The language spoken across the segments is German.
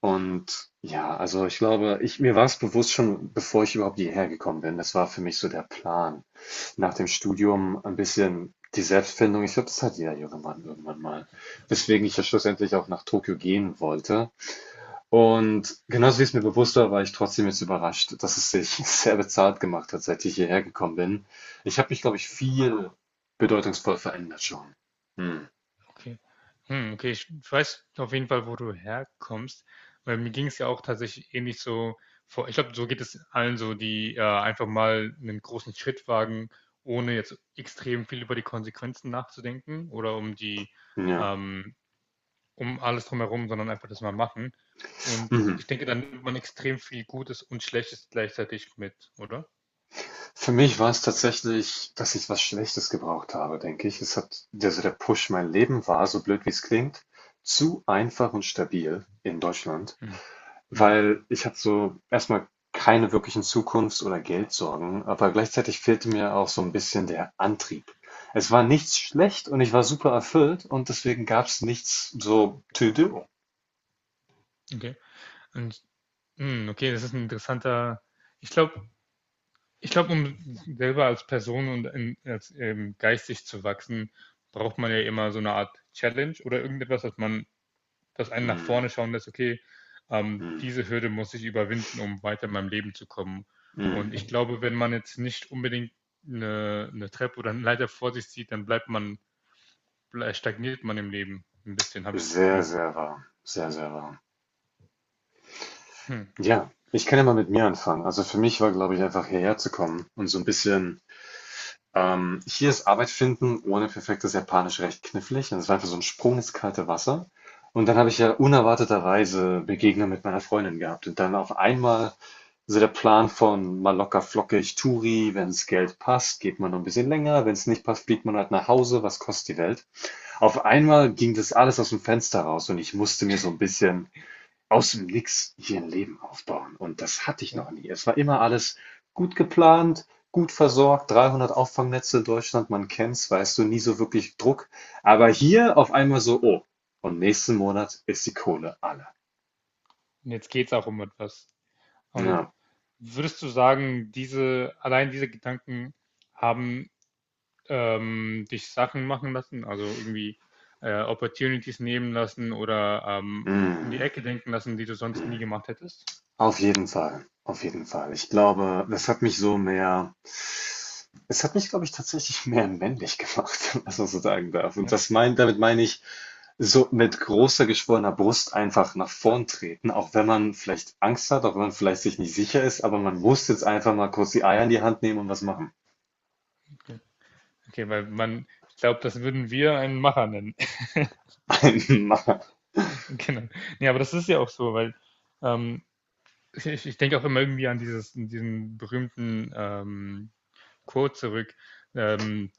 Und ja, also ich glaube, mir war es bewusst schon, bevor ich überhaupt hierher gekommen bin. Das war für mich so der Plan. Nach dem Studium ein bisschen die Selbstfindung. Ich glaube, das hat jeder junge Mann irgendwann mal. Weswegen ich ja schlussendlich auch nach Tokio gehen wollte. Und genauso wie es mir bewusst war, war ich trotzdem jetzt überrascht, dass es sich sehr bezahlt gemacht hat, seit ich hierher gekommen bin. Ich habe mich, glaube ich, viel bedeutungsvoll verändert schon. Hm. Okay. Okay, ich weiß auf jeden Fall, wo du herkommst, weil mir ging es ja auch tatsächlich ähnlich so vor. Ich glaube, so geht es allen so, die einfach mal einen großen Schritt wagen, ohne jetzt extrem viel über die Konsequenzen nachzudenken oder um Ja. ähm, um alles drumherum, sondern einfach das mal machen. Und Mhm. ich denke, dann nimmt man extrem viel Gutes und Schlechtes gleichzeitig mit, oder? Für mich war es tatsächlich, dass ich was Schlechtes gebraucht habe, denke ich. Es hat also der Push, mein Leben war, so blöd wie es klingt, zu einfach und stabil in Deutschland, Hm. Mhm. weil ich hatte so erstmal keine wirklichen Zukunfts- oder Geldsorgen, aber gleichzeitig fehlte mir auch so ein bisschen der Antrieb. Es war nichts schlecht und ich war super erfüllt und deswegen gab es nichts so to do. Okay. Und, okay, das ist ein interessanter. Ich glaube, Ich glaube, um selber als Person geistig zu wachsen, braucht man ja immer so eine Art Challenge oder dass einen nach vorne Mm, schauen lässt, okay, mm, diese Hürde muss ich überwinden, um weiter in meinem Leben zu kommen. Und mm. ich glaube, wenn man jetzt nicht unbedingt eine Treppe oder eine Leiter vor sich sieht, dann stagniert man im Leben ein bisschen, habe ich das Sehr, Gefühl. sehr warm. Sehr, sehr warm. Hm. Ja, ich kann ja mal mit mir anfangen. Also für mich war, glaube ich, einfach hierher zu kommen und so ein bisschen, hier ist Arbeit finden ohne perfektes Japanisch recht knifflig. Und es war einfach so ein Sprung ins kalte Wasser. Und dann habe ich ja unerwarteterweise Begegnung mit meiner Freundin gehabt. Und dann auf einmal so der Plan von mal locker flockig Touri, wenn's Geld passt, geht man noch ein bisschen länger, wenn's nicht passt, fliegt man halt nach Hause, was kostet die Welt? Auf einmal ging das alles aus dem Fenster raus und ich musste mir so ein bisschen aus dem Nix hier ein Leben aufbauen. Und das hatte ich Ja. noch nie. Es war immer alles gut geplant, gut versorgt, 300 Auffangnetze in Deutschland, man kennt's, weißt du, nie so wirklich Druck. Aber hier auf einmal so, oh, und nächsten Monat ist die Kohle alle. Und jetzt geht es auch um etwas. Und Ja, würdest du sagen, allein diese Gedanken haben dich Sachen machen lassen, also irgendwie Opportunities nehmen lassen oder um die mm, Ecke denken lassen, die du sonst nie gemacht hättest? auf jeden Fall, auf jeden Fall. Ich glaube, das hat mich so mehr, es hat mich, glaube ich, tatsächlich mehr männlich gemacht, was man so sagen darf. Und Ja, damit meine ich, so mit großer geschwollener Brust einfach nach vorn treten, auch wenn man vielleicht Angst hat, auch wenn man vielleicht sich nicht sicher ist, aber man muss jetzt einfach mal kurz die Eier in die Hand nehmen und was machen. okay. Okay, weil man, ich glaube, das würden wir einen Macher nennen. Einmal. Genau. Ja, aber das ist ja auch so, weil ähm, ich denke auch immer irgendwie an an diesen berühmten Quote zurück, ähm,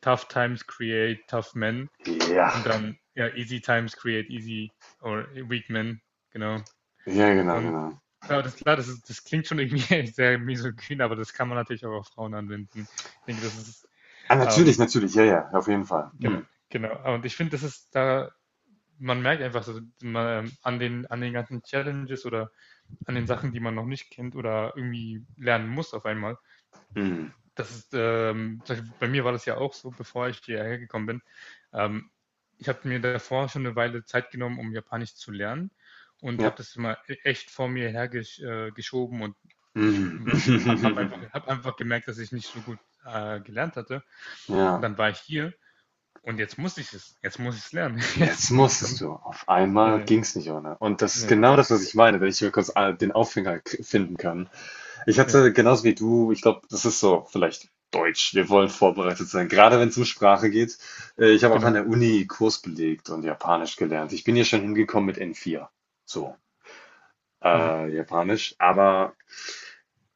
tough times create tough men, Ja. und dann ja, easy times create easy or weak men, genau. Ja, genau, Und genau. Das klingt schon irgendwie sehr misogyn, aber das kann man natürlich auch auf Frauen anwenden. Ich denke, das ist, Ah, natürlich, ähm, natürlich, ja, ja, auf jeden Fall. genau, genau. Und ich finde, das ist da, man merkt einfach so, man, an an den ganzen Challenges oder an den Sachen, die man noch nicht kennt oder irgendwie lernen muss auf einmal, mm, das ist, ähm, bei mir war das ja auch so, bevor ich hierher gekommen bin. Ähm, Ich habe mir davor schon eine Weile Zeit genommen, um Japanisch zu lernen und habe ja. das immer echt vor mir hergeschoben geschoben. Und ich Mm. habe hab einfach, hab einfach gemerkt, dass ich nicht so gut gelernt hatte. Und Ja. dann war ich hier und jetzt muss ich es. Jetzt muss ich es lernen. Jetzt Jetzt, sonst musstest kommt. du. Auf Ja, einmal ja, ging's nicht ohne. Und das ist ja, genau ja, das, was ich meine, wenn ich mir kurz den Aufhänger finden kann. Ich ja, hatte genauso wie du, ich glaube, das ist so vielleicht Deutsch. Wir wollen vorbereitet sein, gerade wenn es um Sprache geht. Ich habe auch an genau. der Uni Kurs belegt und Japanisch gelernt. Ich bin hier schon hingekommen mit N4. So, Mhm. Japanisch. Aber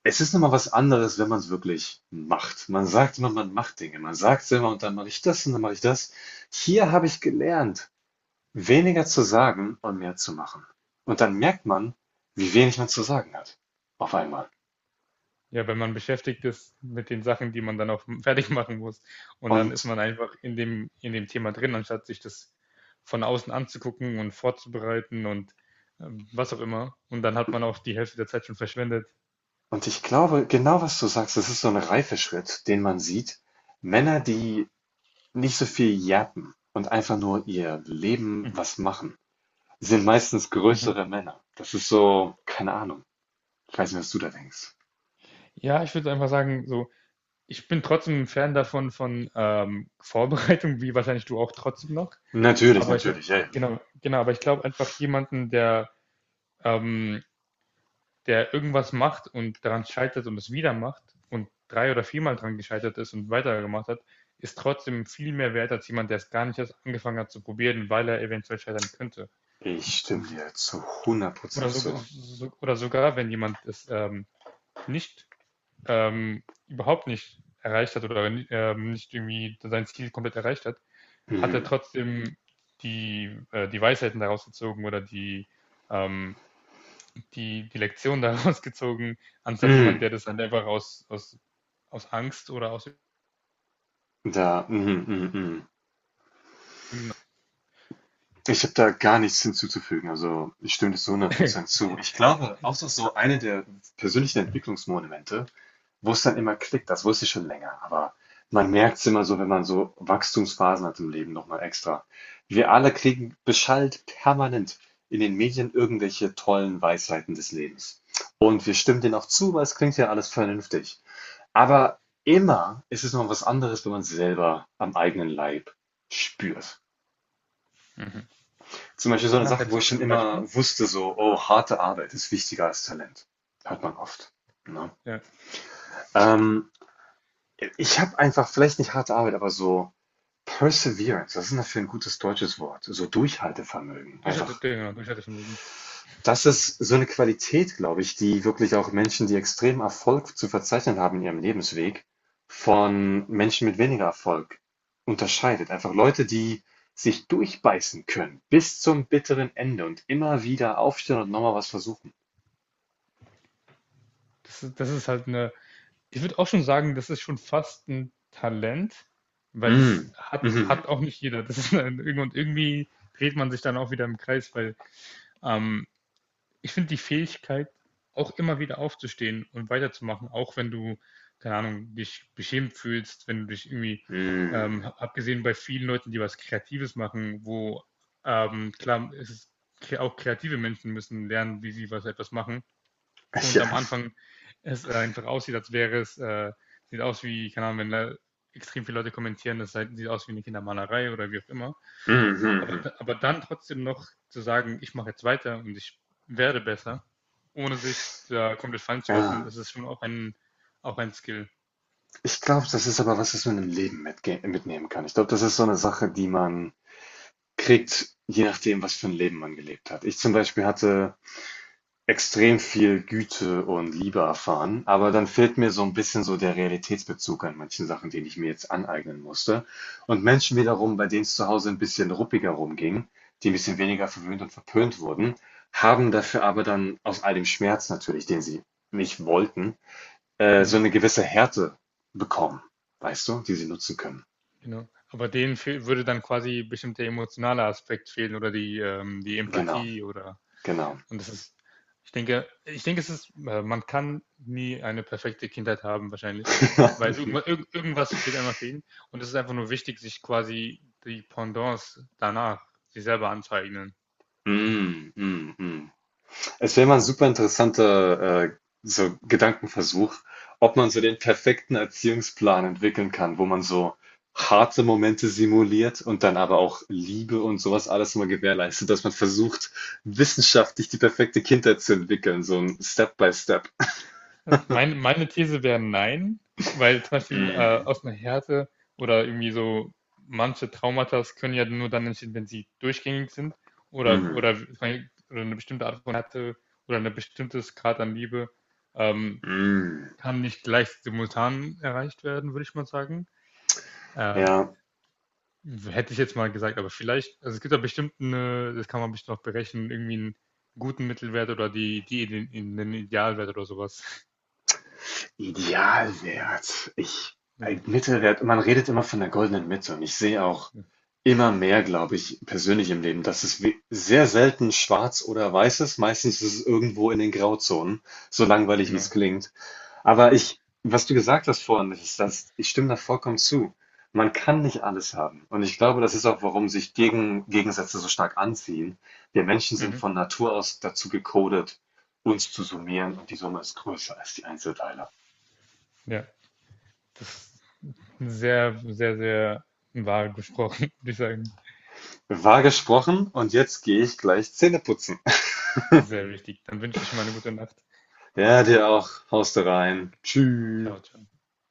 es ist nochmal was anderes, wenn man es wirklich macht. Man sagt immer, man macht Dinge. Man sagt es immer und dann mache ich das und dann mache ich das. Hier habe ich gelernt. Weniger zu sagen und mehr zu machen. Und dann merkt man, wie wenig man zu sagen hat. Auf einmal. Ja, wenn man beschäftigt ist mit den Sachen, die man dann auch fertig machen muss. Und dann ist Und, man einfach in in dem Thema drin, anstatt sich das von außen anzugucken und vorzubereiten und was auch immer. Und dann hat man auch die Hälfte der Zeit schon verschwendet. und ich glaube, genau was du sagst, das ist so ein Reifeschritt, den man sieht. Männer, die nicht so viel jappen und einfach nur ihr Leben Hm. was machen, sind meistens Mhm. größere Männer. Das ist so, keine Ahnung. Ich weiß nicht, was du da denkst. Ja, ich würde einfach sagen, so, ich bin trotzdem ein Fan davon von Vorbereitung, wie wahrscheinlich du auch trotzdem noch. Natürlich, Aber natürlich, ey. Genau, aber ich glaube einfach jemanden, der ähm, der irgendwas macht und daran scheitert und es wieder macht und drei oder viermal dran gescheitert ist und weitergemacht hat, ist trotzdem viel mehr wert als jemand, der es gar nicht erst angefangen hat zu probieren, weil er eventuell scheitern könnte. Ich stimme dir zu hundert Prozent zu. Oder sogar, wenn jemand es nicht, überhaupt nicht erreicht hat oder nicht irgendwie sein Ziel komplett erreicht hat, hat er Mhm. trotzdem die Weisheiten daraus gezogen oder ähm, die Lektion daraus gezogen, anstatt jemand, Mhm. der das dann einfach aus Angst oder aus Mhm, mhm, mhm. irgendeiner. Ich habe da gar nichts hinzuzufügen. Also, ich stimme dir zu hundert Prozent zu. Ich glaube, auch das ist so eine der persönlichen Entwicklungsmomente, wo es dann immer klickt. Das wusste ich schon länger, aber man merkt es immer so, wenn man so Wachstumsphasen hat im Leben noch mal extra. Wir alle kriegen beschallt permanent in den Medien irgendwelche tollen Weisheiten des Lebens. Und wir stimmen denen auch zu, weil es klingt ja alles vernünftig. Aber immer ist es noch was anderes, wenn man es selber am eigenen Leib spürt. Mhm. Zum Beispiel so eine Was Sache, hättest wo du ich da schon zum immer Beispiel? wusste, so, oh, harte Arbeit ist wichtiger als Talent. Hört man oft. Ne? Ja. Ähm, ich habe einfach vielleicht nicht harte Arbeit, aber so Perseverance. Das ist dafür ein gutes deutsches Wort? So Durchhaltevermögen. Einfach. Durchhaltevermögen, genau, Durchhaltevermögen. Das ist so eine Qualität, glaube ich, die wirklich auch Menschen, die extrem Erfolg zu verzeichnen haben in ihrem Lebensweg, von Menschen mit weniger Erfolg unterscheidet. Einfach Leute, die sich durchbeißen können bis zum bitteren Ende und immer wieder aufstehen und nochmal was versuchen. Das ist halt eine. Ich würde auch schon sagen, das ist schon fast ein Talent, weil Mhm. Mhm. hat auch nicht jeder. Das ist ein, und irgendwie dreht man sich dann auch wieder im Kreis, weil ähm, ich finde die Fähigkeit, auch immer wieder aufzustehen und weiterzumachen, auch wenn du, keine Ahnung, dich beschämt fühlst, wenn du dich irgendwie, Mhm. abgesehen bei vielen Leuten, die was Kreatives machen, wo klar, auch kreative Menschen müssen lernen, wie sie was etwas machen. Und Ja. am Anfang es einfach aussieht, sieht aus wie, keine Ahnung, wenn da extrem viele Leute kommentieren, sieht aus wie eine Kindermalerei oder wie auch immer. Mhm. Aber, aber dann trotzdem noch zu sagen, ich mache jetzt weiter und ich werde besser, ohne sich da komplett fallen zu lassen, Ja. das ist schon auch auch ein Skill. Ich glaube, das ist aber was, was man im Leben mitge mitnehmen kann. Ich glaube, das ist so eine Sache, die man kriegt, je nachdem, was für ein Leben man gelebt hat. Ich zum Beispiel hatte extrem viel Güte und Liebe erfahren, aber dann fehlt mir so ein bisschen so der Realitätsbezug an manchen Sachen, den ich mir jetzt aneignen musste. Und Menschen wiederum, bei denen es zu Hause ein bisschen ruppiger rumging, die ein bisschen weniger verwöhnt und verpönt wurden, haben dafür aber dann aus all dem Schmerz natürlich, den sie nicht wollten, so Mhm, eine gewisse Härte bekommen, weißt du, die sie nutzen können. genau. Aber denen fehl, würde dann quasi bestimmt der emotionale Aspekt fehlen oder die Genau, Empathie oder, genau. und ich denke, es ist, man kann nie eine perfekte Kindheit haben, wahrscheinlich, weil irgendwas wird einmal fehlen und es ist einfach nur wichtig, sich quasi die Pendants danach, sich selber anzueignen. Mhm, mhm, mhm. Es wäre mal ein super interessanter so Gedankenversuch, ob man so den perfekten Erziehungsplan entwickeln kann, wo man so harte Momente simuliert und dann aber auch Liebe und sowas alles immer gewährleistet, dass man versucht, wissenschaftlich die perfekte Kindheit zu entwickeln, so ein Step-by-Step. Meine These wäre nein, weil zum Beispiel Mm, aus einer Härte oder irgendwie so manche Traumata können ja nur dann entstehen, wenn sie durchgängig sind oder, mhm, oder, oder eine bestimmte Art von Härte oder ein bestimmtes Grad an Liebe ähm, mm. kann nicht gleich simultan erreicht werden, würde ich mal sagen. Ähm, Ja, hätte ich jetzt mal gesagt, aber vielleicht, also es gibt da bestimmt eine, das kann man bestimmt noch berechnen, irgendwie einen guten Mittelwert oder in den Idealwert oder sowas. Idealwert. Ja, Ein Mittelwert, man redet immer von der goldenen Mitte und ich sehe auch, ja, immer mehr, glaube ich, persönlich im Leben, dass es we sehr selten schwarz oder weiß ist. Meistens ist es irgendwo in den Grauzonen, so langweilig, wie genau. es klingt. Aber ich, was du gesagt hast vorhin, das ist das, ich stimme da vollkommen zu. Man kann nicht alles haben. Und ich glaube, das ist auch, warum sich Gegensätze so stark anziehen. Wir Menschen sind Mhm. von Natur aus dazu gecodet, uns zu summieren und die Summe ist größer als die Einzelteile. Ja, das ist sehr, sehr, sehr wahr gesprochen, würde ich sagen. Wahr gesprochen und jetzt gehe ich gleich Zähne putzen. Sehr wichtig. Dann wünsche ich mal eine gute Nacht. Ja, dir auch. Haust du rein. Danke. Tschüss. Ciao, ciao.